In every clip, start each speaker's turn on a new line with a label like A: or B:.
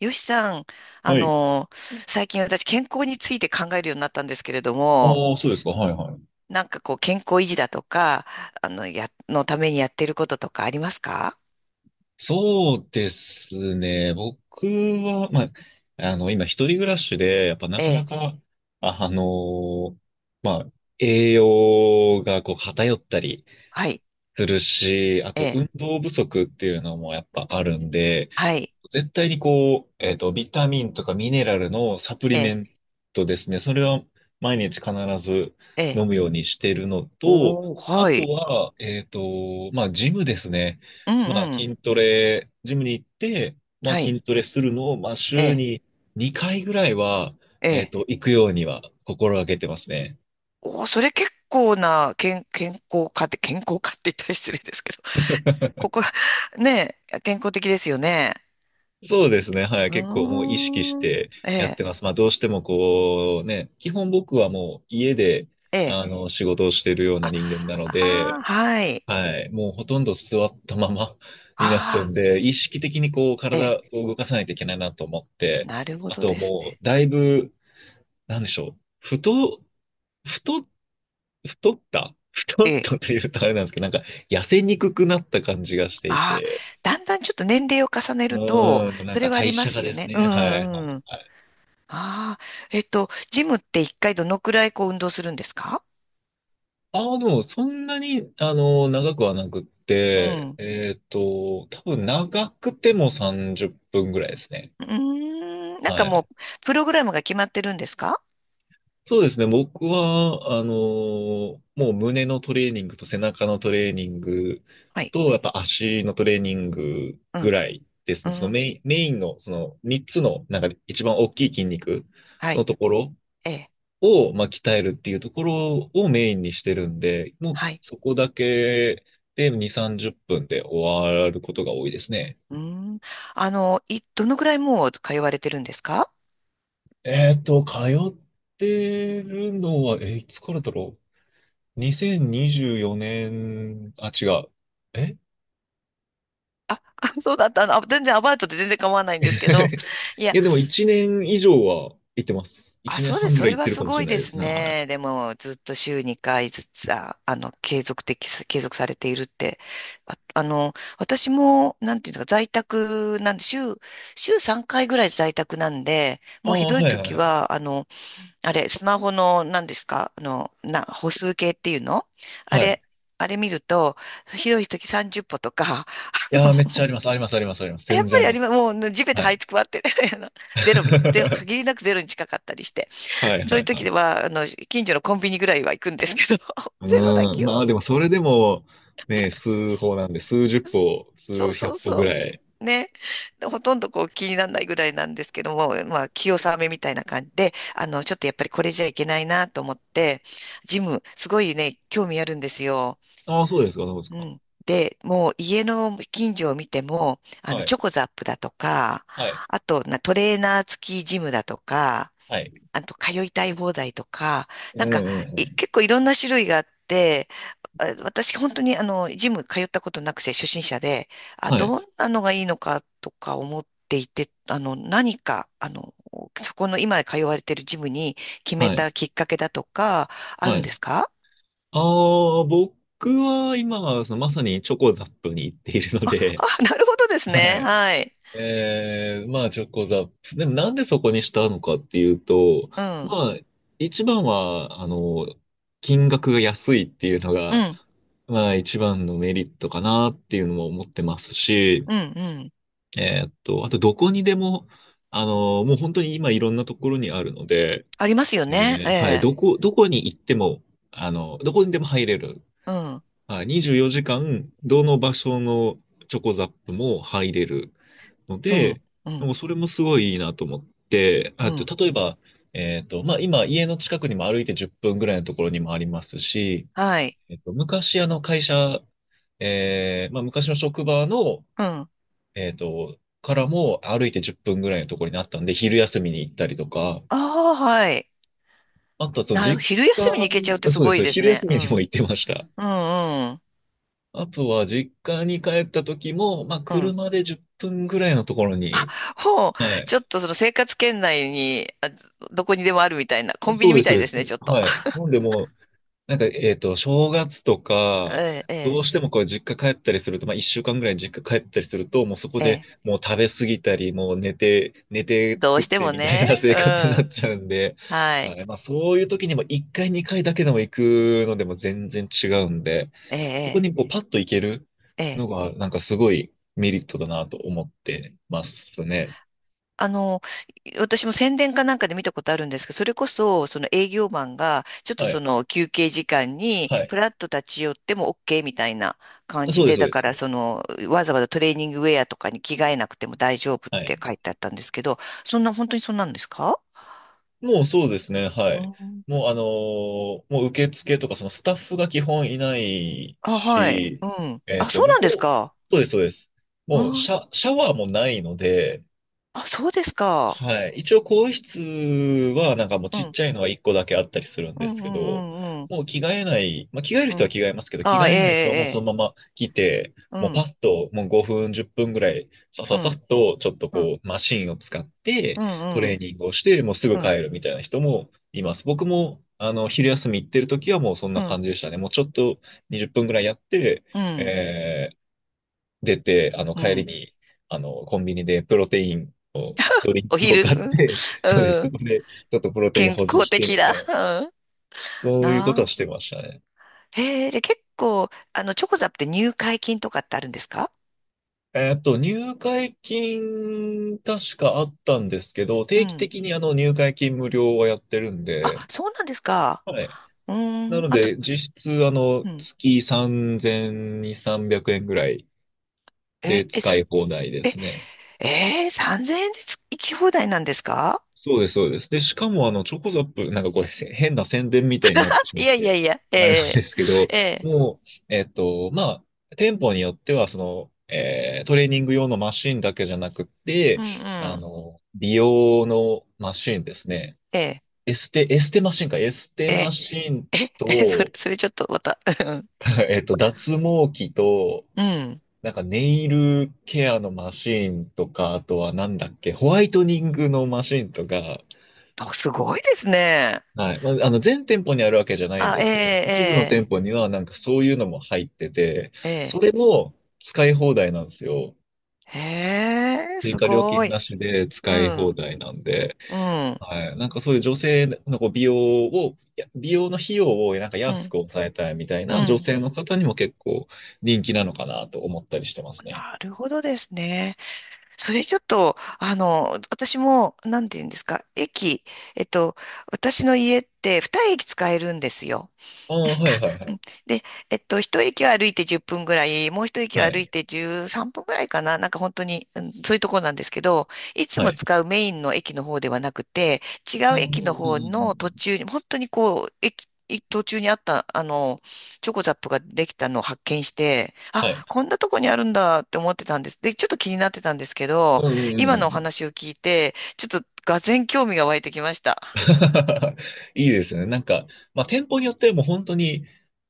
A: よしさん、あ
B: はい。
A: の、最近私健康について考えるようになったんですけれども、
B: ああ、そうですか。はいはい。
A: なんかこう健康維持だとか、のためにやってることとかありますか？
B: そうですね。僕は、まあ、今一人暮らしで、やっぱな
A: え
B: かな
A: え。
B: か、あの、まあ、栄養がこう偏ったり
A: はい。
B: するし、あ
A: え
B: と
A: え。
B: 運動不足っていうのもやっぱあるんで、
A: はい。
B: 絶対にこう、ビタミンとかミネラルのサプリ
A: え
B: メ
A: え。
B: ントですね。それは毎日必ず
A: ええ。
B: 飲むようにしてるのと、
A: おー、
B: あ
A: は
B: と
A: い。
B: は、まあ、ジムですね。
A: うん
B: まあ、
A: うん。
B: 筋トレ、ジムに行って、まあ、
A: は
B: 筋
A: い。
B: トレするのを、まあ、
A: え
B: 週
A: え。
B: に2回ぐらいは、
A: ええ。
B: 行くようには心がけてますね。
A: おー、それ結構な健康家って、健康家って言ったら失礼ですけど、ここ、ねえ、健康的ですよね。
B: そうですね。はい。結構も
A: う
B: う意識し
A: ーん。
B: て
A: え
B: やって
A: え。
B: ます。まあどうしてもこうね、基本僕はもう家で
A: ええ。
B: あの仕事をしているような
A: あ、
B: 人間なの
A: あ
B: で、
A: あ、はい。
B: はい。もうほとんど座ったまま になっちゃう
A: あ
B: んで、意識的にこう
A: あ、え
B: 体
A: え、
B: を動かさないといけないなと思って、
A: なるほ
B: あ
A: ど
B: と
A: です
B: も
A: ね。
B: うだいぶ、なんでしょう。太、太った太
A: え
B: っ
A: え、
B: たというとあれなんですけど、なんか痩せにくくなった感じがしてい
A: ああ、
B: て、
A: だんだんちょっと年齢を重ねると、
B: うん、なん
A: そ
B: か
A: れはあ
B: 代
A: りま
B: 謝が
A: すよ
B: です
A: ね。うん
B: ね、はい。
A: うんうん。
B: はい。
A: ああ、ジムって一回どのくらいこう運動するんですか？
B: ああ、でも、そんなに、長くはなくっ
A: う
B: て、
A: ん。
B: 多分長くても30分ぐらいですね。
A: うーん、なんか
B: は
A: も
B: い。
A: う、プログラムが決まってるんですか？
B: そうですね。僕は、もう胸のトレーニングと背中のトレーニング
A: はい。
B: と、やっぱ足のトレーニング
A: う
B: ぐ
A: ん、
B: らいです
A: う
B: ね。その
A: ん、
B: メインの、その3つの、なんか一番大きい筋肉
A: は
B: の
A: い、
B: ところ
A: ええ、
B: を、まあ、鍛えるっていうところをメインにしてるんで、もう
A: はい。
B: そこだけで2、30分で終わることが多いですね。
A: うーん。どのくらいもう通われてるんですか？
B: 通ってるのは、いつからだろう。2024年、あ、違う。え
A: あ そうだった。あ、全然アバウトで全然構わないんですけど。い
B: い
A: や、
B: や、でも1年以上は行ってます。
A: あ、
B: 1年
A: そうで
B: 半
A: す。
B: ぐ
A: そ
B: らい
A: れ
B: 行っ
A: は
B: てる
A: す
B: かもし
A: ご
B: れ
A: い
B: ない
A: で
B: です
A: す
B: ね。はい。
A: ね。でも、ずっと週2回ずつ、あ、継続されているって。あ、私も、なんていうのか、在宅なんで、週3回ぐらい在宅なんで、
B: あ
A: もうひ
B: あ、
A: どい
B: はいはい
A: 時
B: はい。
A: は、あれ、スマホの、何ですか、歩数計っていうの、あ
B: はい。
A: れ、
B: い
A: あれ見ると、ひどい時30歩とか、
B: やー、めっち ゃあります。あります、あります、あります。
A: やっ
B: 全
A: ぱ
B: 然あ
A: り
B: り
A: あ
B: ま
A: り
B: す。
A: ます。もう、地べた
B: は
A: 這い
B: い。
A: つくばって、ゼロ、ゼロ、限りなくゼロに近かったりして、
B: はい
A: そう
B: は
A: いう
B: いは
A: 時
B: い。
A: は、近所のコンビニぐらいは行くんですけど、
B: う
A: ゼロだ
B: ん、
A: け
B: ま
A: を。
B: あでもそれでも、ね、数歩なんで、数十歩、
A: そ
B: 数
A: うそう
B: 百歩ぐ
A: そ
B: らい。
A: う。ね。でほとんどこう気にならないぐらいなんですけども、まあ、気さめみたいな感じで、ちょっとやっぱりこれじゃいけないなと思って、ジム、すごいね、興味あるんですよ。
B: ああ、そうですか、そうです
A: う
B: か。
A: ん。で、もう家の近所を見ても、
B: はい。
A: チョコザップだとか、
B: はい、
A: あと、トレーナー付きジムだとか、
B: はい。
A: あと、通いたい放題とか、
B: う
A: なんか、
B: んうんうん。
A: 結構いろんな種類があって、あ、私本当にジム通ったことなくて初心者で、あ、
B: はい、
A: どんなのがいいのかとか思っていて、何か、そこの今通われてるジムに決め
B: はい、
A: たきっかけだとか、ある
B: は
A: ん
B: い。
A: ですか？
B: ああ、僕は今、そのまさにチョコザップに行っている の
A: あ、
B: で、
A: なるほどです
B: は
A: ね。
B: い。
A: はい。
B: ええまあ、チョコザップ。でも、なんでそこにしたのかっていうと、
A: うん。
B: まあ、一番は、金額が安いっていうの
A: う
B: が、
A: ん。
B: まあ、一番のメリットかなっていうのも思ってますし、
A: うん。うん。
B: あと、どこにでも、もう本当に今いろんなところにあるので、
A: ありますよね。え
B: はい、
A: え。
B: どこに行っても、どこにでも入れる。
A: うん。
B: はい、24時間、どの場所のチョコザップも入れる。の
A: うん。
B: で、
A: うん。
B: もうそれもすごいいいなと思って、
A: う
B: あと、
A: ん。
B: 例えば、まあ、今、家の近くにも歩いて10分ぐらいのところにもありますし、
A: はい。
B: 昔、会社、まあ、昔の職場の、
A: うん。あ
B: からも歩いて10分ぐらいのところにあったんで、昼休みに行ったりとか、
A: あ、はい。
B: あとは、その、実
A: 昼
B: 家、
A: 休みに行けちゃうってす
B: そうで
A: ごい
B: す、
A: です
B: 昼
A: ね。
B: 休
A: う
B: みにも
A: ん。
B: 行ってました。
A: うん、うん。
B: あとは、実家に帰った時も、まあ、
A: うん。
B: 車で10分ぐらいのところに、
A: ほ
B: は
A: う。
B: い。
A: ちょっとその生活圏内に、あ、どこにでもあるみたいな、コンビ
B: そ
A: ニ
B: うで
A: み
B: す、
A: た
B: そう
A: い
B: で
A: ですね、ち
B: す。
A: ょっと。
B: はい。なんでもうなんか、正月とか、
A: ええ、え
B: どう
A: え、
B: してもこう実家帰ったりすると、まあ一週間ぐらい実家帰ったりすると、もうそこ
A: え
B: で
A: え。
B: もう食べ過ぎたり、もう寝て
A: ど
B: 食
A: う
B: っ
A: して
B: て
A: も
B: みたい
A: ね。
B: な
A: う
B: 生活になっ
A: ん。
B: ちゃうんで、
A: はい。
B: あれ、まあそういう時にも一回二回だけでも行くのでも全然違うんで、
A: え
B: そこ
A: え、
B: にこうパッと行ける
A: ええ。え
B: の
A: え、
B: が、なんかすごいメリットだなと思ってますね。
A: あの、私も宣伝かなんかで見たことあるんですけど、それこそ、その営業マンが、ちょっと
B: は
A: そ
B: い。
A: の休憩時間に、
B: はい。
A: プラッと立ち寄っても OK みたいな感
B: あそ
A: じ
B: うです、
A: で、
B: そう
A: だ
B: で
A: か
B: す。
A: らその、わざわざトレーニングウェアとかに着替えなくても大丈夫っ
B: は
A: て
B: い。
A: 書いてあったんですけど、そんな、本当にそんなんですか？
B: もうそうですね、は
A: う
B: い。
A: ん。
B: もうもう受付とかそのスタッフが基本いない
A: あ、はい。
B: し、
A: うん。あ、そう
B: もう
A: なんです
B: こう、
A: か。
B: そうです、そうです。もう
A: あ、
B: シャワーもないので、
A: あ、そうですか。
B: はい。一応、更衣室は、なんかもう
A: う
B: ちっ
A: ん。
B: ちゃいのは1個だけあったりするん
A: う
B: で
A: ん、
B: す
A: う
B: けど、
A: ん、うん、うん。
B: もう着替えない、まあ、着替える
A: う
B: 人は
A: ん。
B: 着替えますけど、着
A: あ、
B: 替
A: ええ、
B: えない人はもうそ
A: ええ。
B: のまま来て、
A: う
B: もうパ
A: ん、
B: ッと、もう5分、10分ぐらい、さ
A: う
B: ささっ
A: ん、
B: と、ちょっと
A: うん、
B: こう、マシンを使って、
A: うん、
B: ト
A: う
B: レ
A: ん、
B: ーニングをして、もうすぐ
A: うん、
B: 帰るみたいな人もいます。僕も、昼休み行ってる時はもうそんな
A: うん。
B: 感じでしたね。もうちょっと20分ぐらいやって、
A: うん
B: え出て、
A: う
B: 帰り
A: ん。
B: に、コンビニでプロテインを、ドリン
A: お
B: クを
A: 昼、
B: 買
A: う
B: っ
A: ん、
B: て、そうです。
A: う
B: そ
A: ん。
B: こで、ちょっとプロテイン
A: 健
B: 補充
A: 康
B: し
A: 的
B: てみ
A: だ。
B: たいな、
A: うん。
B: そういうこと
A: な
B: は
A: あ。
B: してましたね。
A: へえ、で、結構、チョコザップって入会金とかってあるんですか？
B: 入会金、確かあったんですけど、
A: う
B: 定期
A: ん。
B: 的に入会金無料はやってるん
A: あ、
B: で、
A: そうなんですか。
B: はい。
A: う
B: な
A: ーん。
B: の
A: あと、
B: で、実質、
A: うん。
B: 月3200、300円ぐらいで
A: え、
B: 使
A: そ
B: い放題ですね。
A: えー、3000円で行き放題なんですか？
B: そうです、そうです。で、しかも、チョコザップ、なんかこれ、変な宣伝みたいになって し
A: い
B: まっ
A: やいや
B: て、
A: いや、え
B: あれなんで
A: え
B: すけど、
A: ええ、
B: もう、まあ、店舗によっては、その、トレーニング用のマシンだけじゃなくて、
A: うんうん、
B: 美容のマシンですね。
A: ええ
B: エステマシンか、エステ
A: え
B: マ
A: え
B: シン
A: え、え、それ、
B: と、
A: それちょっとまた、うん
B: 脱毛器と、
A: うん。
B: なんかネイルケアのマシンとか、あとはなんだっけ、ホワイトニングのマシンとか、
A: あすごいですね。
B: はい。まあ、全店舗にあるわけじゃないんですけども、一部の
A: あ、
B: 店
A: え
B: 舗
A: え
B: にはなんかそういうのも入ってて、
A: え
B: そ
A: ええ
B: れ
A: え、
B: も使い放題なんですよ。
A: へえ、
B: 追
A: す
B: 加料
A: ご
B: 金な
A: い。
B: しで
A: う
B: 使い放
A: ん、
B: 題なんで、
A: うん、
B: はい。なんかそういう女性のこう美容を、いや美容の費用をなんか
A: う
B: 安
A: ん、
B: く抑えたいみたい
A: う
B: な女
A: ん。
B: 性の方にも結構人気なのかなと思ったりしてますね。
A: なるほどですね。それちょっと、私も、なんて言うんですか、えっと、私の家って二駅使えるんですよ。
B: ああ、はいはいは
A: う
B: い。
A: ん。で、一駅を歩いて10分ぐらい、もう一駅
B: は
A: を歩い
B: い。
A: て13分ぐらいかな、なんか本当に、うん、そういうところなんですけど、いつ
B: は
A: も
B: い。
A: 使うメインの駅の方ではなくて、違
B: うん
A: う
B: う
A: 駅の
B: んうんう
A: 方
B: んう
A: の途
B: ん。
A: 中に、本当にこう、途中にあった、チョコザップができたのを発見して、あ、
B: はい。
A: こんなとこにあるんだって思ってたんです。で、ちょっと気になってたんですけど、
B: うんうんうん
A: 今のお
B: うん
A: 話を聞いて、ちょっと画然興味が湧いてきました。
B: いいですよね。なんか、まあ、店舗によってはもう本当に、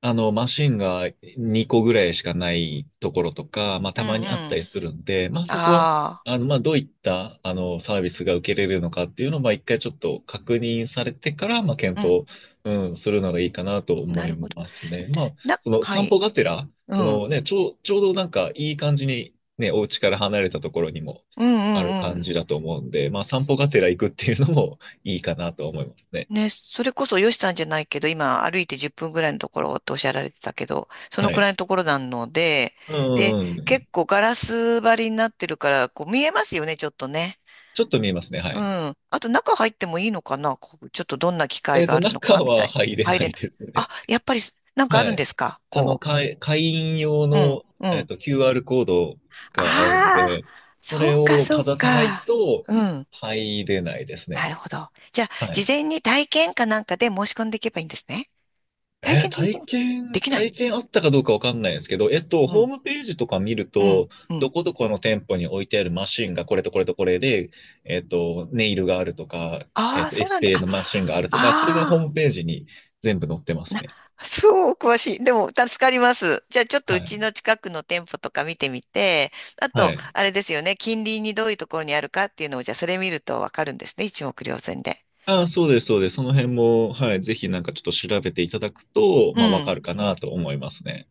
B: マシンが2個ぐらいしかないところとか、まあ、
A: うん
B: たまにあっ
A: う
B: た
A: ん。
B: りするんで、まあ、そこは、
A: あ
B: まあ、どういった、サービスが受けれるのかっていうのを、まあ、一回ちょっと確認されてから、まあ、検
A: あ、
B: 討、うん、するのがいいかなと
A: うん、な
B: 思
A: る
B: い
A: ほど。
B: ますね。まあ、その
A: は
B: 散歩
A: い。
B: がてら、
A: うん。
B: ちょうどなんかいい感じに、ね、お家から離れたところにも
A: うん
B: ある
A: うんう
B: 感
A: ん。
B: じだと思うんで、まあ、散歩がてら行くっていうのも、いいかなと思いますね。
A: ね、それこそヨシさんじゃないけど、今歩いて10分ぐらいのところっておっしゃられてたけど、そ
B: は
A: のく
B: い。
A: らいのところなので、
B: う
A: で、
B: んうんう
A: 結
B: ん。
A: 構ガラス張りになってるから、こう見えますよね、ちょっとね。
B: ちょっと見えますね。は
A: う
B: い。
A: ん。あと中入ってもいいのかな、こうちょっとどんな機会があるの
B: 中
A: かみた
B: は
A: いな。
B: 入れ
A: 入
B: な
A: れ
B: い
A: ない。
B: です
A: あ、
B: ね。
A: やっぱりなんかあ
B: は
A: るん
B: い。
A: ですか？こ
B: 会員用
A: う。うん、
B: の、
A: うん。
B: QR コードがあるの
A: ああ、
B: で、そ
A: そ
B: れ
A: うか、
B: を
A: そ
B: か
A: う
B: ざさない
A: か。
B: と
A: うん。
B: 入れないです
A: なる
B: ね。
A: ほど。じゃあ、
B: は
A: 事
B: い。
A: 前に体験かなんかで申し込んでいけばいいんですね。体験ってできない？できな
B: 体
A: い
B: 験あったかどうかわかんないですけど、
A: の？う
B: ホー
A: ん、
B: ムページとか見る
A: う
B: と、
A: ん、う
B: ど
A: ん。
B: こどこの店舗に置いてあるマシンがこれとこれとこれで、ネイルがあるとか、
A: ああ、
B: エ
A: そう
B: ス
A: なんだ。
B: テ
A: あ、
B: のマシンがあるとか、それはホー
A: あ
B: ムページに全部載ってま
A: あ、
B: すね。
A: そう、詳しい。でも、助かります。じゃあ、ちょっと
B: は
A: う
B: い。
A: ちの近くの店舗とか見てみて、あ
B: は
A: と、
B: い。
A: あれですよね、近隣にどういうところにあるかっていうのを、じゃあ、それ見るとわかるんですね。一目瞭然で。
B: ああ、そうです、そうです。その辺も、はい、ぜひなんかちょっと調べていただくと、
A: う
B: まあ、わか
A: ん。
B: るかなと思いますね。